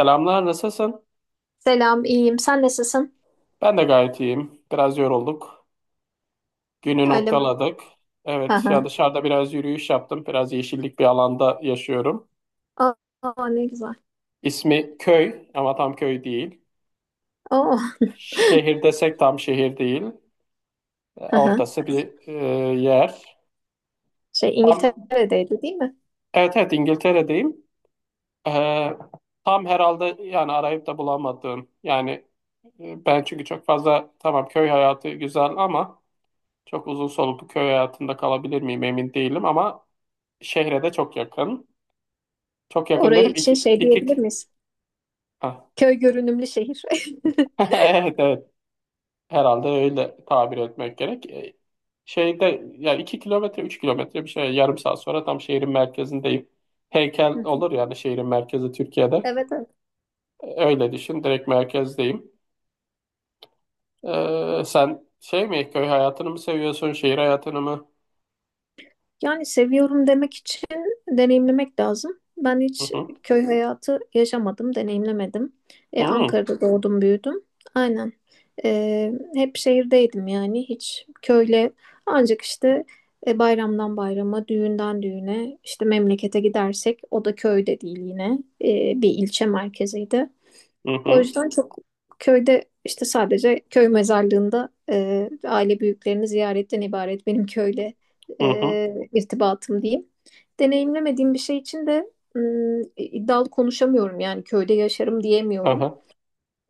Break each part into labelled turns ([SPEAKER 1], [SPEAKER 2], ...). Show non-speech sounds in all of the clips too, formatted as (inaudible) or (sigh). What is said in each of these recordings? [SPEAKER 1] Selamlar, nasılsın?
[SPEAKER 2] Selam, iyiyim. Sen nasılsın?
[SPEAKER 1] Ben de gayet iyiyim. Biraz yorulduk. Günü
[SPEAKER 2] Öyle mi?
[SPEAKER 1] noktaladık.
[SPEAKER 2] Hı
[SPEAKER 1] Evet, ya
[SPEAKER 2] hı.
[SPEAKER 1] dışarıda biraz yürüyüş yaptım. Biraz yeşillik bir alanda yaşıyorum.
[SPEAKER 2] Aa, aa, ne güzel.
[SPEAKER 1] İsmi köy ama tam köy değil.
[SPEAKER 2] Oo.
[SPEAKER 1] Şehir desek tam şehir değil.
[SPEAKER 2] Hı hı.
[SPEAKER 1] Ortası bir yer.
[SPEAKER 2] Şey
[SPEAKER 1] Tam,
[SPEAKER 2] İngiltere'deydi değil mi?
[SPEAKER 1] evet, evet, İngiltere'deyim. E, Tam herhalde yani arayıp da bulamadığım. Yani ben çünkü çok fazla tamam köy hayatı güzel ama çok uzun soluklu köy hayatında kalabilir miyim emin değilim ama şehre de çok yakın. Çok yakın
[SPEAKER 2] Oraya
[SPEAKER 1] dedim,
[SPEAKER 2] için
[SPEAKER 1] iki,
[SPEAKER 2] şey
[SPEAKER 1] iki,
[SPEAKER 2] diyebilir miyiz?
[SPEAKER 1] ha.
[SPEAKER 2] Köy görünümlü şehir. (laughs)
[SPEAKER 1] (laughs) Evet, evet, herhalde öyle tabir etmek gerek. Şeyde yani 2 kilometre 3 kilometre bir şey, yarım saat sonra tam şehrin merkezindeyim. Heykel olur yani şehrin merkezi Türkiye'de.
[SPEAKER 2] Evet, evet.
[SPEAKER 1] Öyle düşün, direkt merkezdeyim. Sen şey mi, köy hayatını mı seviyorsun, şehir hayatını mı?
[SPEAKER 2] Yani seviyorum demek için deneyimlemek lazım. Ben
[SPEAKER 1] Hı
[SPEAKER 2] hiç
[SPEAKER 1] hı.
[SPEAKER 2] köy hayatı yaşamadım, deneyimlemedim.
[SPEAKER 1] Hmm.
[SPEAKER 2] Ankara'da doğdum, büyüdüm. Aynen. Hep şehirdeydim yani. Hiç köyle ancak işte bayramdan bayrama, düğünden düğüne, işte memlekete gidersek o da köyde değil yine. Bir ilçe merkeziydi.
[SPEAKER 1] Hı
[SPEAKER 2] O
[SPEAKER 1] hı.
[SPEAKER 2] yüzden çok köyde işte sadece köy mezarlığında aile büyüklerini ziyaretten ibaret benim köyle
[SPEAKER 1] Hı hı. Hı hı.
[SPEAKER 2] irtibatım diyeyim. Deneyimlemediğim bir şey için de iddialı konuşamıyorum yani köyde yaşarım diyemiyorum.
[SPEAKER 1] Aha.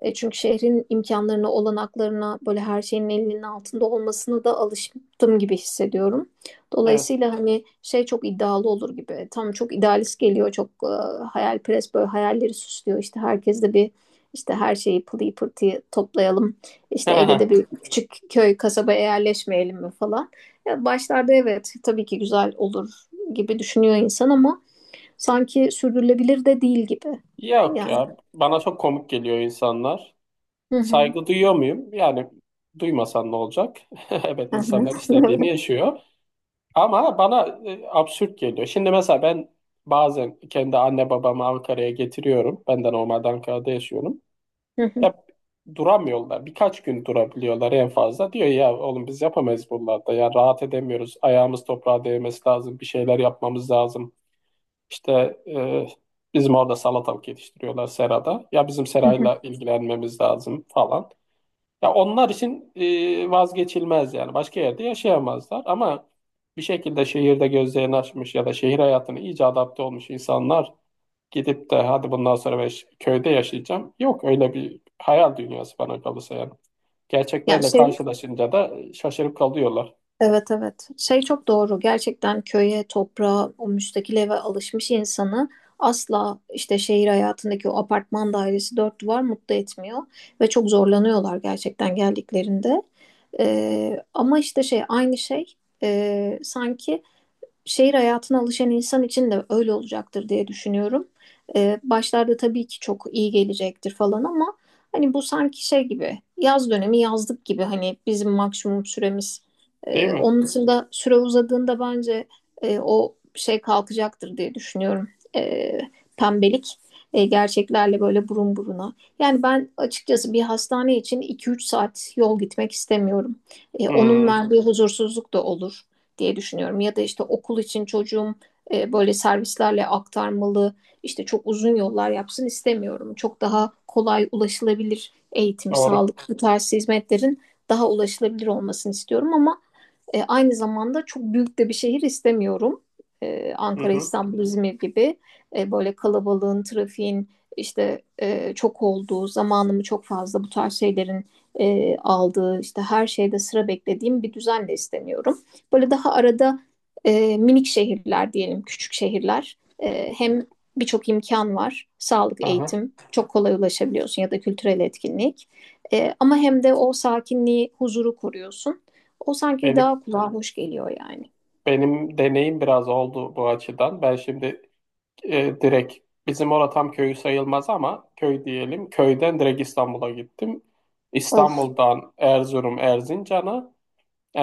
[SPEAKER 2] Çünkü şehrin imkanlarına, olanaklarına, böyle her şeyin elinin altında olmasına da alıştım gibi hissediyorum.
[SPEAKER 1] Evet.
[SPEAKER 2] Dolayısıyla hani şey çok iddialı olur gibi. Tam çok idealist geliyor, çok hayalperest böyle hayalleri süslüyor. İşte herkes de bir işte her şeyi pılıyı pırtıyı toplayalım. İşte Ege'de bir
[SPEAKER 1] (laughs)
[SPEAKER 2] küçük köy kasabaya yerleşmeyelim mi falan. Ya başlarda evet tabii ki güzel olur gibi düşünüyor insan ama sanki sürdürülebilir de değil gibi.
[SPEAKER 1] Yok
[SPEAKER 2] Yani.
[SPEAKER 1] ya, bana çok komik geliyor insanlar.
[SPEAKER 2] Hı hı.
[SPEAKER 1] Saygı duyuyor muyum? Yani duymasan ne olacak? (laughs) Evet,
[SPEAKER 2] Hı hı.
[SPEAKER 1] insanlar istediğini
[SPEAKER 2] (laughs)
[SPEAKER 1] yaşıyor. Ama bana absürt geliyor. Şimdi mesela ben bazen kendi anne babamı Ankara'ya getiriyorum. Ben de normalde Ankara'da yaşıyorum.
[SPEAKER 2] Hı hı,
[SPEAKER 1] Ya duramıyorlar. Birkaç gün durabiliyorlar en fazla. Diyor ya oğlum biz yapamayız buralarda. Ya rahat edemiyoruz. Ayağımız toprağa değmesi lazım. Bir şeyler yapmamız lazım. İşte e, bizim orada salatalık yetiştiriyorlar serada. Ya bizim
[SPEAKER 2] hı hı.
[SPEAKER 1] serayla ilgilenmemiz lazım falan. Ya onlar için vazgeçilmez yani. Başka yerde yaşayamazlar ama bir şekilde şehirde gözlerini açmış ya da şehir hayatına iyice adapte olmuş insanlar gidip de hadi bundan sonra ben köyde yaşayacağım. Yok öyle bir hayal dünyası bana kalırsa yani.
[SPEAKER 2] Ya
[SPEAKER 1] Gerçeklerle
[SPEAKER 2] şey,
[SPEAKER 1] karşılaşınca da şaşırıp kalıyorlar.
[SPEAKER 2] evet, evet, şey çok doğru, gerçekten köye toprağa o müstakil eve alışmış insanı asla işte şehir hayatındaki o apartman dairesi dört duvar mutlu etmiyor ve çok zorlanıyorlar gerçekten geldiklerinde. Ama işte şey aynı şey, sanki şehir hayatına alışan insan için de öyle olacaktır diye düşünüyorum. Başlarda tabii ki çok iyi gelecektir falan ama hani bu sanki şey gibi yaz dönemi yazlık gibi hani bizim maksimum süremiz.
[SPEAKER 1] Değil
[SPEAKER 2] Ee,
[SPEAKER 1] mi?
[SPEAKER 2] onun dışında süre uzadığında bence o şey kalkacaktır diye düşünüyorum. Ee, pembelik gerçeklerle böyle burun buruna. Yani ben açıkçası bir hastane için iki üç saat yol gitmek istemiyorum. Onun
[SPEAKER 1] Hmm,
[SPEAKER 2] verdiği huzursuzluk da olur diye düşünüyorum. Ya da işte okul için çocuğum böyle servislerle aktarmalı, işte çok uzun yollar yapsın istemiyorum. Çok daha kolay ulaşılabilir eğitim,
[SPEAKER 1] doğru.
[SPEAKER 2] sağlık, bu tarz hizmetlerin daha ulaşılabilir olmasını istiyorum ama aynı zamanda çok büyük de bir şehir istemiyorum.
[SPEAKER 1] Hı
[SPEAKER 2] Ankara,
[SPEAKER 1] hı.
[SPEAKER 2] İstanbul, İzmir gibi böyle kalabalığın, trafiğin işte çok olduğu, zamanımı çok fazla bu tarz şeylerin aldığı, işte her şeyde sıra beklediğim bir düzen de istemiyorum. Böyle daha arada minik şehirler diyelim, küçük şehirler. Hem birçok imkan var, sağlık,
[SPEAKER 1] Aha.
[SPEAKER 2] eğitim, çok kolay ulaşabiliyorsun ya da kültürel etkinlik. Ama hem de o sakinliği, huzuru koruyorsun. O sanki
[SPEAKER 1] Benim
[SPEAKER 2] daha kulağa hoş geliyor yani.
[SPEAKER 1] benim deneyim biraz oldu bu açıdan. Ben şimdi, direkt bizim orada tam köyü sayılmaz ama köy diyelim. Köyden direkt İstanbul'a gittim.
[SPEAKER 2] Of.
[SPEAKER 1] İstanbul'dan Erzurum, Erzincan'a,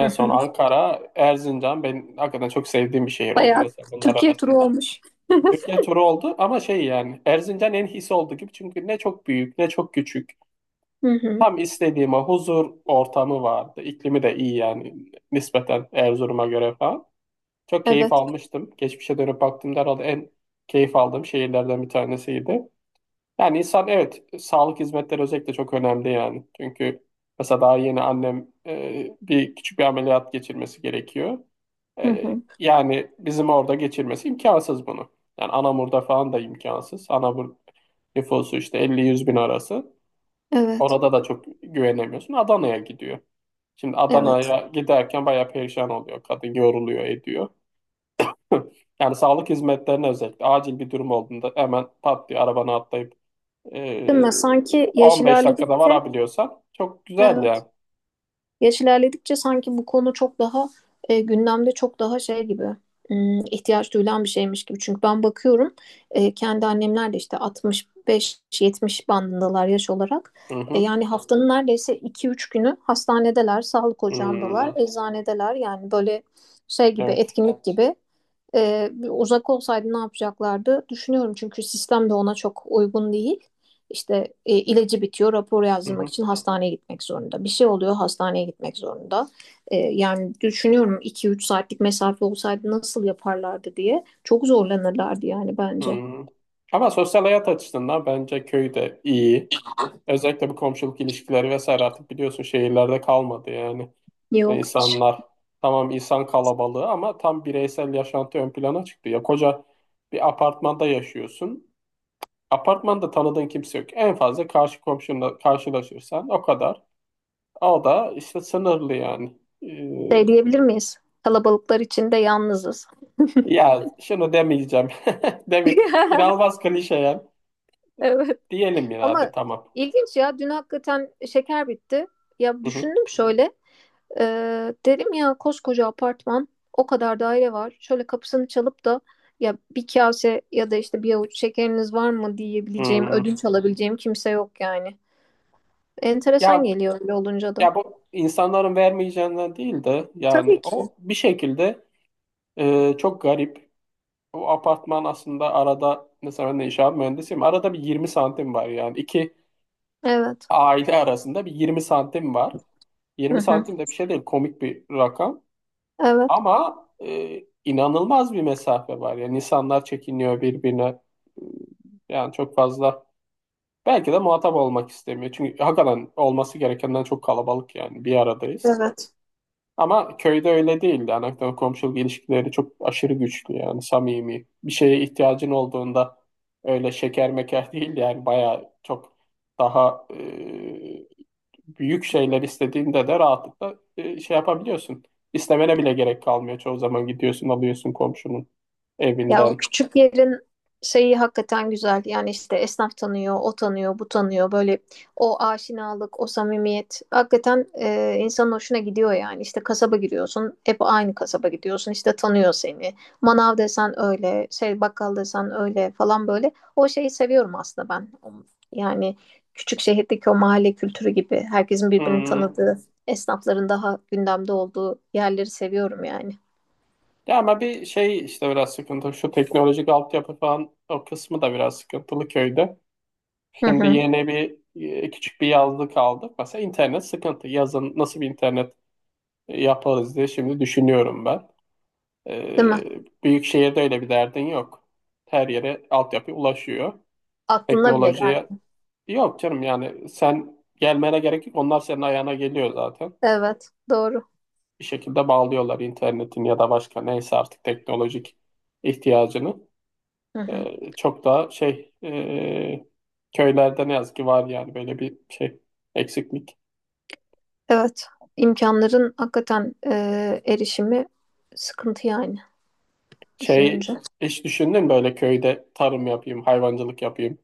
[SPEAKER 2] Hı
[SPEAKER 1] son
[SPEAKER 2] hı.
[SPEAKER 1] Ankara, Erzincan ben hakikaten çok sevdiğim bir şehir oldu
[SPEAKER 2] Bayağı
[SPEAKER 1] mesela bunlar
[SPEAKER 2] Türkiye turu
[SPEAKER 1] arasında.
[SPEAKER 2] olmuş. (laughs)
[SPEAKER 1] Türkiye turu oldu ama şey yani Erzincan en his oldu gibi çünkü ne çok büyük ne çok küçük.
[SPEAKER 2] Hı hı.
[SPEAKER 1] Tam istediğime huzur ortamı vardı. İklimi de iyi yani nispeten Erzurum'a göre falan. Çok keyif
[SPEAKER 2] Evet.
[SPEAKER 1] almıştım. Geçmişe dönüp baktığımda herhalde en keyif aldığım şehirlerden bir tanesiydi. Yani insan evet sağlık hizmetleri özellikle çok önemli yani. Çünkü mesela daha yeni annem bir küçük bir ameliyat geçirmesi gerekiyor.
[SPEAKER 2] Hı hı.
[SPEAKER 1] Yani bizim orada geçirmesi imkansız bunu. Yani Anamur'da falan da imkansız. Anamur nüfusu işte 50-100 bin arası.
[SPEAKER 2] Evet.
[SPEAKER 1] Orada da çok güvenemiyorsun. Adana'ya gidiyor. Şimdi
[SPEAKER 2] Evet.
[SPEAKER 1] Adana'ya giderken bayağı perişan oluyor. Kadın yoruluyor, ediyor. (laughs) Yani sağlık hizmetlerine özellikle acil bir durum olduğunda hemen pat diye arabana atlayıp
[SPEAKER 2] Değil
[SPEAKER 1] ee,
[SPEAKER 2] mi? Sanki yaş
[SPEAKER 1] 15 dakikada
[SPEAKER 2] ilerledikçe
[SPEAKER 1] varabiliyorsan çok güzel
[SPEAKER 2] evet.
[SPEAKER 1] ya.
[SPEAKER 2] Yaş ilerledikçe sanki bu konu çok daha gündemde çok daha şey gibi ihtiyaç duyulan bir şeymiş gibi. Çünkü ben bakıyorum kendi annemler de işte 65-70 bandındalar yaş olarak.
[SPEAKER 1] Hı
[SPEAKER 2] E,
[SPEAKER 1] hı.
[SPEAKER 2] yani haftanın neredeyse 2-3 günü hastanedeler, sağlık
[SPEAKER 1] Hmm,
[SPEAKER 2] ocağındalar, eczanedeler. Yani böyle şey gibi
[SPEAKER 1] evet.
[SPEAKER 2] etkinlik gibi uzak olsaydı ne yapacaklardı? Düşünüyorum çünkü sistem de ona çok uygun değil. İşte ilacı bitiyor, rapor
[SPEAKER 1] Hı
[SPEAKER 2] yazdırmak
[SPEAKER 1] hı.
[SPEAKER 2] için hastaneye gitmek zorunda. Bir şey oluyor, hastaneye gitmek zorunda. Yani düşünüyorum iki üç saatlik mesafe olsaydı nasıl yaparlardı diye. Çok zorlanırlardı yani bence.
[SPEAKER 1] Hmm. Ama sosyal hayat açısından bence köy de iyi. Özellikle bu komşuluk ilişkileri vesaire artık biliyorsun şehirlerde kalmadı yani.
[SPEAKER 2] Yok hiç.
[SPEAKER 1] İnsanlar, tamam insan kalabalığı ama tam bireysel yaşantı ön plana çıktı. Ya koca bir apartmanda yaşıyorsun. Apartmanda tanıdığın kimse yok. En fazla karşı komşunla karşılaşırsan o kadar. O da işte sınırlı yani. Ee,
[SPEAKER 2] Şey diyebilir miyiz? Kalabalıklar içinde yalnızız.
[SPEAKER 1] Ya şunu demeyeceğim. (laughs) Demi inanılmaz
[SPEAKER 2] (laughs)
[SPEAKER 1] klişe ya.
[SPEAKER 2] Evet.
[SPEAKER 1] Diyelim ya hadi
[SPEAKER 2] Ama
[SPEAKER 1] tamam.
[SPEAKER 2] ilginç ya dün hakikaten şeker bitti. Ya
[SPEAKER 1] Hı hı.
[SPEAKER 2] düşündüm şöyle. Dedim ya koskoca apartman o kadar daire var. Şöyle kapısını çalıp da ya bir kase ya da işte bir avuç şekeriniz var mı diyebileceğim,
[SPEAKER 1] Hı.
[SPEAKER 2] ödünç alabileceğim kimse yok yani. Enteresan
[SPEAKER 1] Ya
[SPEAKER 2] geliyor öyle olunca da.
[SPEAKER 1] ya, bu insanların vermeyeceğinden değil de
[SPEAKER 2] Tabii
[SPEAKER 1] yani
[SPEAKER 2] ki.
[SPEAKER 1] o bir şekilde çok garip. O apartman aslında arada mesela ben de inşaat mühendisiyim. Arada bir 20 santim var yani. İki
[SPEAKER 2] Evet.
[SPEAKER 1] aile arasında bir 20 santim var.
[SPEAKER 2] Hı
[SPEAKER 1] 20
[SPEAKER 2] hı.
[SPEAKER 1] santim de bir şey değil, komik bir rakam.
[SPEAKER 2] Evet.
[SPEAKER 1] Ama inanılmaz bir mesafe var. Yani insanlar çekiniyor birbirine. Yani çok fazla. Belki de muhatap olmak istemiyor. Çünkü hakikaten olması gerekenden çok kalabalık yani. Bir aradayız.
[SPEAKER 2] Evet.
[SPEAKER 1] Ama köyde öyle değildi. Anaktan komşuluk ilişkileri çok aşırı güçlü yani samimi. Bir şeye ihtiyacın olduğunda öyle şeker meker değil yani bayağı çok daha büyük şeyler istediğinde de rahatlıkla şey yapabiliyorsun. İstemene bile gerek kalmıyor. Çoğu zaman gidiyorsun alıyorsun komşunun
[SPEAKER 2] Ya o
[SPEAKER 1] evinden.
[SPEAKER 2] küçük yerin şeyi hakikaten güzel. Yani işte esnaf tanıyor, o tanıyor, bu tanıyor. Böyle o aşinalık, o samimiyet hakikaten insanın hoşuna gidiyor yani. İşte kasaba giriyorsun, hep aynı kasaba gidiyorsun. İşte tanıyor seni. Manav desen öyle, şey bakkal desen öyle falan böyle. O şeyi seviyorum aslında ben. Yani küçük şehirdeki o mahalle kültürü gibi herkesin birbirini
[SPEAKER 1] Hmm.
[SPEAKER 2] tanıdığı, esnafların daha gündemde olduğu yerleri seviyorum yani.
[SPEAKER 1] Ya ama bir şey işte biraz sıkıntı. Şu teknolojik altyapı falan o kısmı da biraz sıkıntılı köyde.
[SPEAKER 2] Hı
[SPEAKER 1] Şimdi
[SPEAKER 2] hı.
[SPEAKER 1] yeni bir küçük bir yazlık aldık. Mesela internet sıkıntı. Yazın nasıl bir internet yaparız diye şimdi düşünüyorum ben.
[SPEAKER 2] Değil mi?
[SPEAKER 1] Ee, Büyük şehirde öyle bir derdin yok. Her yere altyapı ulaşıyor.
[SPEAKER 2] Aklına bile
[SPEAKER 1] Teknolojiye,
[SPEAKER 2] gelmiyor.
[SPEAKER 1] yok canım yani sen gelmene gerek yok. Onlar senin ayağına geliyor zaten.
[SPEAKER 2] Evet, doğru.
[SPEAKER 1] Bir şekilde bağlıyorlar internetin ya da başka neyse artık teknolojik ihtiyacını.
[SPEAKER 2] Hı hı.
[SPEAKER 1] Çok daha şey köylerde ne yazık ki var yani böyle bir şey, eksiklik.
[SPEAKER 2] Evet, imkanların hakikaten erişimi sıkıntı yani
[SPEAKER 1] Şey
[SPEAKER 2] düşününce.
[SPEAKER 1] Hiç düşündün mü böyle köyde tarım yapayım, hayvancılık yapayım?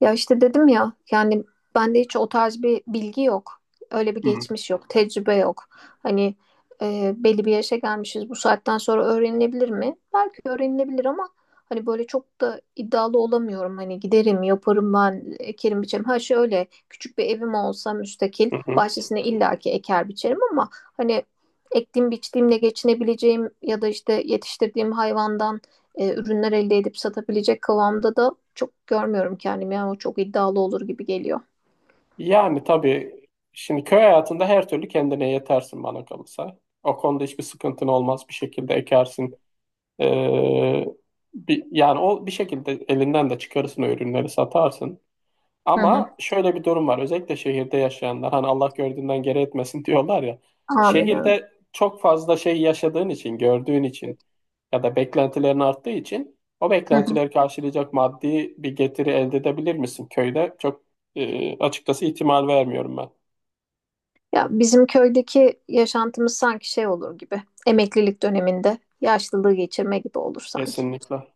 [SPEAKER 2] Ya işte dedim ya yani bende hiç o tarz bir bilgi yok. Öyle bir
[SPEAKER 1] Hmm.
[SPEAKER 2] geçmiş yok, tecrübe yok. Hani belli bir yaşa gelmişiz bu saatten sonra öğrenilebilir mi? Belki öğrenilebilir ama hani böyle çok da iddialı olamıyorum. Hani giderim, yaparım ben, ekerim biçerim. Ha şöyle küçük bir evim olsa müstakil
[SPEAKER 1] Hı hı.
[SPEAKER 2] bahçesine illaki eker biçerim ama hani ektiğim biçtiğimle geçinebileceğim ya da işte yetiştirdiğim hayvandan ürünler elde edip satabilecek kıvamda da çok görmüyorum kendimi. Yani o çok iddialı olur gibi geliyor.
[SPEAKER 1] Yani tabii şimdi köy hayatında her türlü kendine yetersin bana kalırsa. O konuda hiçbir sıkıntın olmaz, bir şekilde ekersin. Ee, Bir, yani o bir şekilde elinden de çıkarırsın, o ürünleri satarsın.
[SPEAKER 2] Hı hı.
[SPEAKER 1] Ama şöyle bir durum var. Özellikle şehirde yaşayanlar hani Allah gördüğünden geri etmesin (laughs) diyorlar ya.
[SPEAKER 2] Amin evet.
[SPEAKER 1] Şehirde çok fazla şey yaşadığın için, gördüğün için ya da beklentilerin arttığı için o
[SPEAKER 2] Hı hı.
[SPEAKER 1] beklentileri karşılayacak maddi bir getiri elde edebilir misin? Köyde çok açıkçası ihtimal vermiyorum ben.
[SPEAKER 2] Ya bizim köydeki yaşantımız sanki şey olur gibi. Emeklilik döneminde yaşlılığı geçirme gibi olur sanki.
[SPEAKER 1] Kesinlikle.